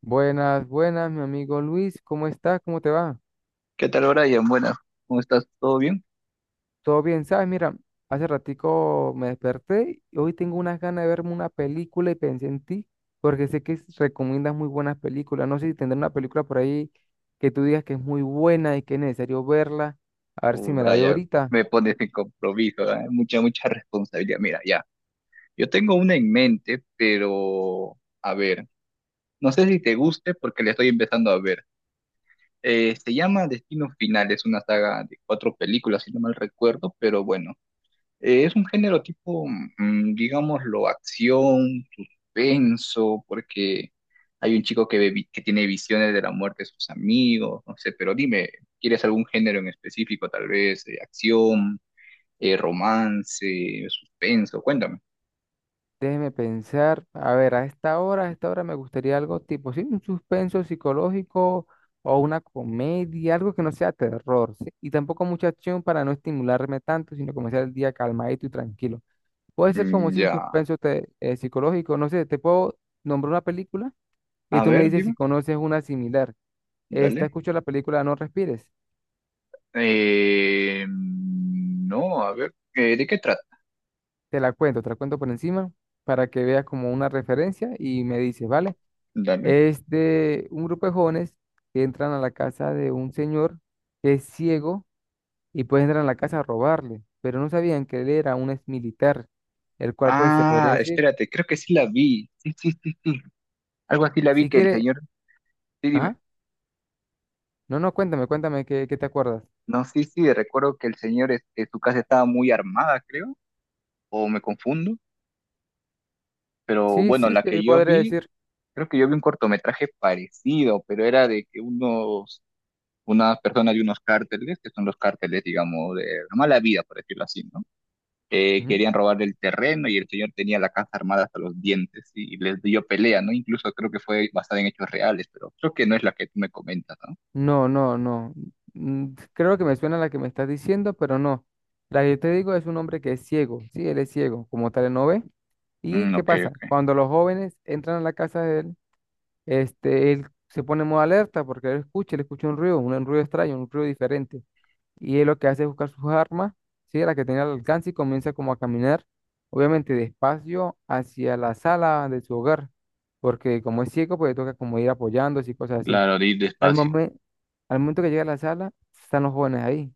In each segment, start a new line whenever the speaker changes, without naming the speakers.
Buenas, buenas, mi amigo Luis, ¿cómo estás? ¿Cómo te va?
¿Qué tal, Brian? Buenas, ¿cómo estás? ¿Todo bien?
¿Todo bien? ¿Sabes? Mira, hace ratico me desperté y hoy tengo unas ganas de verme una película y pensé en ti, porque sé que recomiendas muy buenas películas. No sé si tendrá una película por ahí que tú digas que es muy buena y que es necesario verla. A ver si me la veo
Brian,
ahorita.
me pones en compromiso, ¿eh? Mucha, mucha responsabilidad. Mira, ya, yo tengo una en mente, pero a ver, no sé si te guste porque la estoy empezando a ver. Se llama Destino Final, es una saga de cuatro películas, si no mal recuerdo, pero bueno, es un género tipo, digámoslo, acción, suspenso, porque hay un chico que, que tiene visiones de la muerte de sus amigos, no sé, pero dime, ¿quieres algún género en específico? Tal vez acción, romance, suspenso, cuéntame.
Déjeme pensar, a ver, a esta hora me gustaría algo tipo, sí, un suspenso psicológico o una comedia, algo que no sea terror, ¿sí? Y tampoco mucha acción para no estimularme tanto, sino comenzar el día calmadito y tranquilo. Puede ser como
Mm,
si un
ya,
suspenso psicológico, no sé, te puedo nombrar una película y
a
tú me
ver,
dices si
dime,
conoces una similar. Esta,
dale.
escucho la película No Respires,
No, a ver, ¿de qué trata?
te la cuento por encima para que veas como una referencia y me dices, ¿vale?
Dale.
Es de un grupo de jóvenes que entran a la casa de un señor que es ciego y pues entran a la casa a robarle, pero no sabían que él era un ex militar, el cual pues se podría
Ah,
decir,
espérate, creo que sí la vi. Sí, algo así la vi
si
que el
quiere,
señor... Sí, dime.
ajá, no, no, cuéntame, cuéntame, ¿qué, qué te acuerdas?
No, sí, sí, recuerdo que el señor, este, su casa estaba muy armada, creo, o me confundo, pero
Sí,
bueno,
sí,
la que
se
yo
podría
vi,
decir.
creo que yo vi un cortometraje parecido, pero era de que unos, unas personas de unos cárteles, que son los cárteles, digamos, de la mala vida, por decirlo así, ¿no?
Ujú.
Querían robar el terreno y el señor tenía la casa armada hasta los dientes y les dio pelea, ¿no? Incluso creo que fue basada en hechos reales, pero creo que no es la que tú me comentas, ¿no?
No, no, no. Mm, creo que me suena la que me estás diciendo, pero no. La que yo te digo es un hombre que es ciego, sí, él es ciego, como tal él no ve. ¿Y
Mm,
qué
ok,
pasa?
ok.
Cuando los jóvenes entran a la casa de él, este, él se pone en modo alerta porque él escucha un ruido extraño, un ruido diferente. Y él lo que hace es buscar sus armas, ¿sí? La que tenía al alcance y comienza como a caminar, obviamente despacio, hacia la sala de su hogar. Porque como es ciego, pues le toca como ir apoyándose y cosas así.
Claro, de ir
Al
despacio.
momento al momento que llega a la sala, están los jóvenes ahí.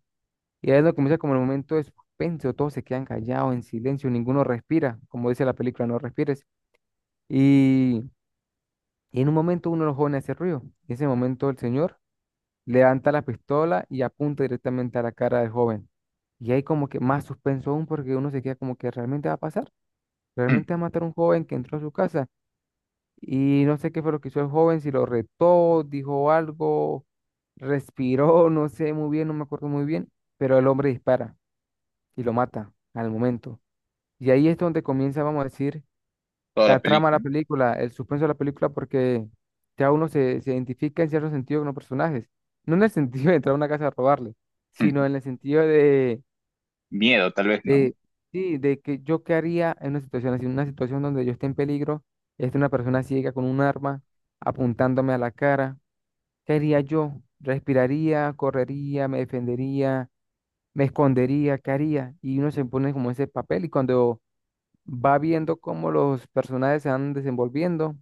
Y ahí es donde comienza como el momento de suspenso, todos se quedan callados, en silencio, ninguno respira, como dice la película, no respires. Y y en un momento uno de los jóvenes hace ruido. En ese momento el señor levanta la pistola y apunta directamente a la cara del joven. Y hay como que más suspenso aún porque uno se queda como que realmente va a pasar.
Mm.
Realmente va a matar a un joven que entró a su casa. Y no sé qué fue lo que hizo el joven, si lo retó, dijo algo, respiró, no sé muy bien, no me acuerdo muy bien. Pero el hombre dispara y lo mata al momento. Y ahí es donde comienza, vamos a decir,
Toda la
la trama de la
película.
película, el suspenso de la película, porque ya se identifica en cierto sentido con los personajes. No en el sentido de entrar a una casa a robarle, sino
Mm,
en el sentido de,
miedo, tal vez, ¿no?
de, sí, de que yo qué haría en una situación así, en una situación donde yo esté en peligro, esté una persona ciega con un arma apuntándome a la cara. ¿Qué haría yo? ¿Respiraría, correría, me defendería, me escondería? ¿Qué haría? Y uno se pone como ese papel y cuando va viendo cómo los personajes se van desenvolviendo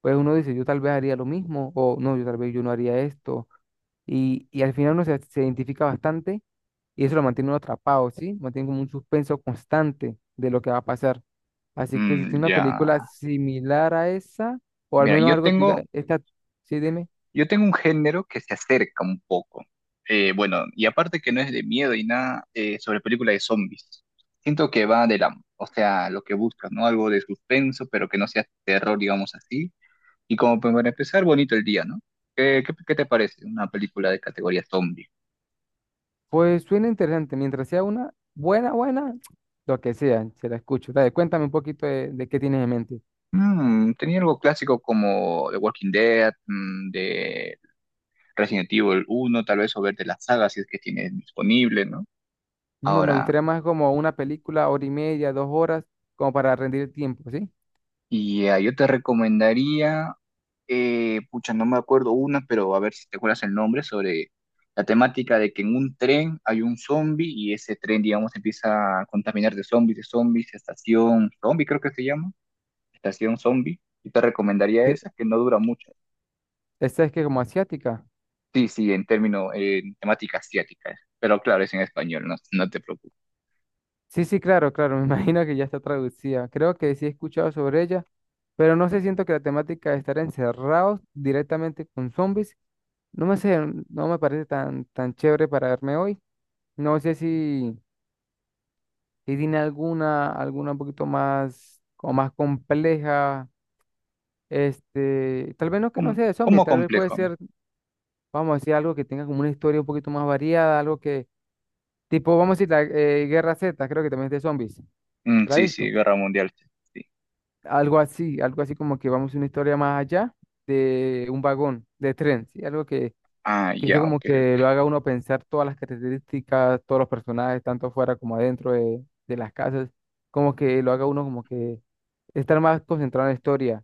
pues uno dice, yo tal vez haría lo mismo, o no, yo tal vez yo no haría esto. Y al final se identifica bastante y eso lo mantiene uno atrapado, ¿sí? Mantiene como un suspenso constante de lo que va a pasar. Así que si
Mm,
tiene una
ya.
película similar a esa, o al
Mira,
menos algo, que tú digas, esta, sí, dime,
yo tengo un género que se acerca un poco. Bueno, y aparte que no es de miedo y nada, sobre película de zombies. Siento que va de la, o sea, lo que buscas, ¿no? Algo de suspenso, pero que no sea terror, digamos así. Y como pues, para empezar, bonito el día, ¿no? ¿Qué, qué, qué te parece una película de categoría zombie?
pues suena interesante, mientras sea una buena, buena, lo que sea, se la escucho. Dale, cuéntame un poquito de qué tienes en mente.
Mm, tenía algo clásico como The Walking Dead, mm, de Resident Evil uno tal vez, o ver de las sagas si es que tienes disponible, ¿no?
No, me
Ahora,
gustaría más como una película, hora y media, dos horas, como para rendir el tiempo, ¿sí?
y yo te recomendaría, pucha, no me acuerdo una, pero a ver si te acuerdas el nombre, sobre la temática de que en un tren hay un zombie y ese tren, digamos, empieza a contaminar de zombies, estación zombie, creo que se llama, estación zombie. Yo te recomendaría esa, que no dura mucho.
Esta es que como asiática.
Sí, sí, en términos, en temática asiática, es. Pero claro, es en español, no, no te preocupes.
Sí, sí, claro, claro, me imagino que ya está traducida. Creo que sí he escuchado sobre ella, pero no sé, siento que la temática de estar encerrados directamente con zombies, no me sé, no me parece tan, tan chévere para verme hoy. No sé si, si tiene alguna, alguna un poquito más, como más compleja, este, tal vez no que no
cómo
sea de zombies,
cómo
tal vez puede
complejo.
ser, vamos a decir, algo que tenga como una historia un poquito más variada, algo que, tipo, vamos a decir, la Guerra Z, creo que también es de zombies.
Mm,
¿La has
sí, sí,
visto?
Guerra Mundial. Sí.
Algo así como que vamos a una historia más allá de un vagón de tren, ¿sí? Algo
Ah,
que yo
ya,
como
ok,
que
ok.
lo haga uno pensar todas las características, todos los personajes, tanto afuera como adentro de las casas, como que lo haga uno como que estar más concentrado en la historia.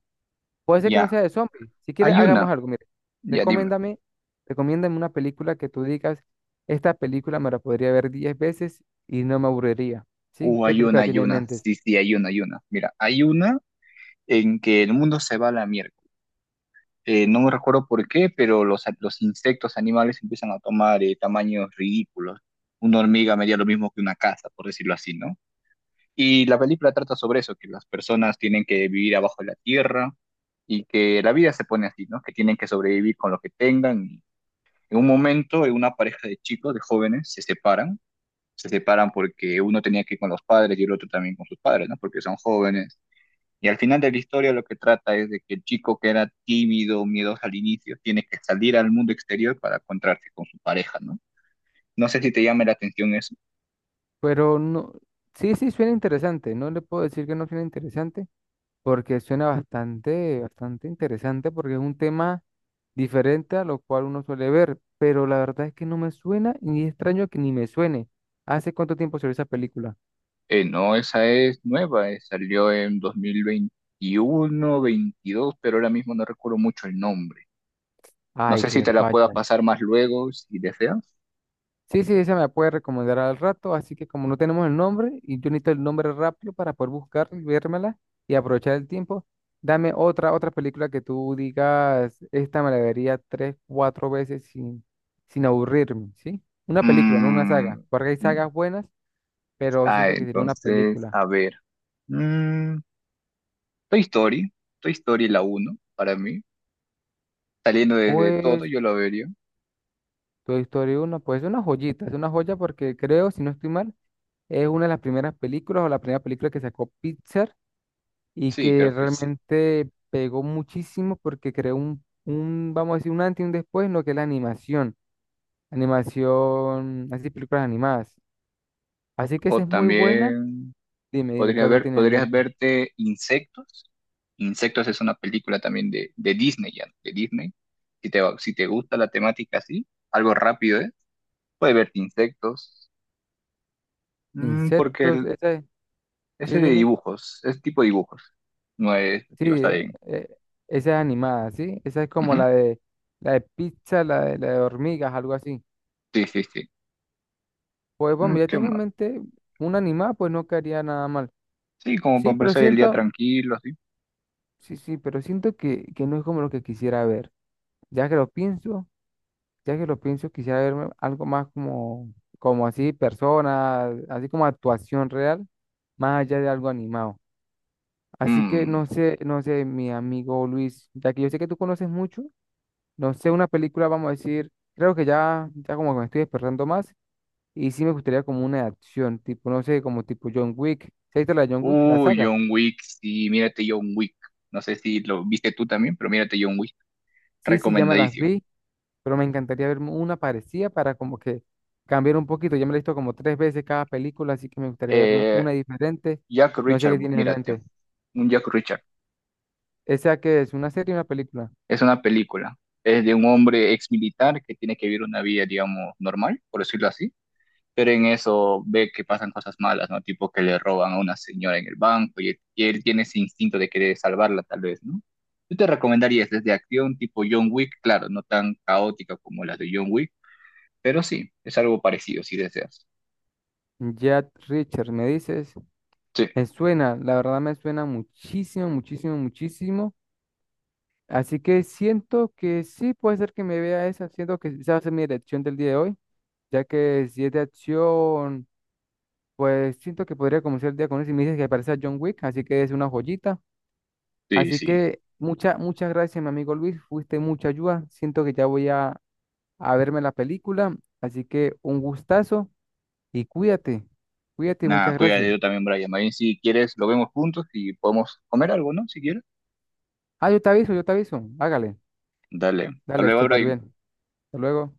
Puede ser que no
Ya,
sea de zombies, si quieres
hay
hagamos
una,
algo, mire,
ya dime.
recomiéndame, recomiéndame una película que tú digas, esta película me la podría ver 10 veces y no me aburriría, ¿sí? ¿Qué
Hay una,
película
hay
tiene en
una.
mente?
Sí, sí, hay una, hay una. Mira, hay una en que el mundo se va a la mierda. No me recuerdo por qué, pero los, los insectos animales empiezan a tomar tamaños ridículos. Una hormiga medía lo mismo que una casa, por decirlo así, ¿no? Y la película trata sobre eso, que las personas tienen que vivir abajo de la tierra y que la vida se pone así, ¿no? Que tienen que sobrevivir con lo que tengan. En un momento, una pareja de chicos, de jóvenes, se separan porque uno tenía que ir con los padres y el otro también con sus padres, ¿no? Porque son jóvenes. Y al final de la historia lo que trata es de que el chico que era tímido, miedoso al inicio, tiene que salir al mundo exterior para encontrarse con su pareja, ¿no? No sé si te llama la atención eso.
Pero no, sí, sí suena interesante. No le puedo decir que no suena interesante, porque suena bastante, bastante interesante, porque es un tema diferente a lo cual uno suele ver. Pero la verdad es que no me suena y es extraño que ni me suene. ¿Hace cuánto tiempo salió esa película?
No, esa es nueva, salió en 2021, 22, pero ahora mismo no recuerdo mucho el nombre. No
Ay,
sé si
qué
te la pueda
falla.
pasar más luego, si deseas.
Sí, sí, esa me la puede recomendar al rato, así que como no tenemos el nombre y yo necesito el nombre rápido para poder buscarla y vérmela y aprovechar el tiempo, dame otra, otra película que tú digas, esta me la vería tres, cuatro veces sin, sin aburrirme, ¿sí? Una película, no una saga,
Mm,
porque hay
mm,
sagas buenas, pero
ah,
siento que sería una
entonces,
película.
a ver. Mm, Toy Story, Toy Story la uno, para mí, saliendo desde todo
Pues
yo lo vería.
Toy Story uno, pues es una joyita, es una joya porque creo, si no estoy mal, es una de las primeras películas o la primera película que sacó Pixar y
Sí,
que
creo que sí.
realmente pegó muchísimo porque creó un, vamos a decir, un antes y un después en lo que es la animación, animación, así películas animadas. Así que esa
O
es muy buena.
también
Dime, dime, ¿qué otro tiene en
podrías
mente?
verte Insectos. Insectos es una película también de Disney, ya, de Disney. Si te, si te gusta la temática así, algo rápido, ¿eh? Puedes verte Insectos. Porque
Insectos,
el,
esa es,
ese
sí,
de
dime,
dibujos, es tipo dibujos, no es,
sí,
está bien.
esa es animada, ¿sí? Esa es como
Ujú.
la de pizza, la de hormigas, algo así.
Sí, sí, sí.
Pues
Mm,
bueno, ya
¿qué
tengo en
más?
mente una animada, pues no quedaría nada mal.
Sí, como para
Sí, pero
empezar el día
siento,
tranquilo, así.
sí, sí, pero siento que no es como lo que quisiera ver. Ya que lo pienso, ya que lo pienso, quisiera verme algo más como, como así, persona, así como actuación real, más allá de algo animado. Así que
Mm.
no sé, no sé, mi amigo Luis, ya que yo sé que tú conoces mucho, no sé, una película, vamos a decir, creo que ya, ya como que me estoy despertando más, y sí me gustaría como una de acción, tipo, no sé, como tipo John Wick. ¿Se ha visto la de John Wick, la
Uy,
saga?
John Wick, sí, mírate John Wick. No sé si lo viste tú también, pero mírate John Wick.
Sí, sí, ya me las
Recomendadísimo.
vi pero me encantaría ver una parecida para como que cambiar un poquito. Ya me la he visto como tres veces cada película, así que me gustaría verme
Eh,
una diferente.
Jack
No sé
Richard,
qué tienes en
mírate.
mente.
Un Jack Richard.
¿Esa qué es? ¿Una serie o una película?
Es una película. Es de un hombre ex militar que tiene que vivir una vida, digamos, normal, por decirlo así. Pero en eso ve que pasan cosas malas, ¿no? Tipo que le roban a una señora en el banco y él tiene ese instinto de querer salvarla, tal vez, ¿no? Yo te recomendaría, es de acción tipo John Wick, claro, no tan caótica como las de John Wick. Pero sí, es algo parecido si deseas.
Jack Richard, me dices.
Sí,
Me suena, la verdad me suena muchísimo, muchísimo, muchísimo. Así que siento que sí puede ser que me vea esa, siento que esa va a ser mi elección del día de hoy, ya que si es de acción, pues siento que podría comenzar el día con eso. Y me dices que parece a John Wick, así que es una joyita.
sí,
Así
sí.
que muchas, muchas gracias, mi amigo Luis. Fuiste mucha ayuda. Siento que ya voy a verme la película. Así que un gustazo y cuídate. Cuídate, muchas
Nada, cuídate
gracias.
yo también, Brian. Ahí si quieres, lo vemos juntos y podemos comer algo, ¿no? Si quieres.
Ah, yo te aviso, yo te aviso. Hágale.
Dale. Hasta
Dale,
luego,
súper
Brian.
bien. Hasta luego.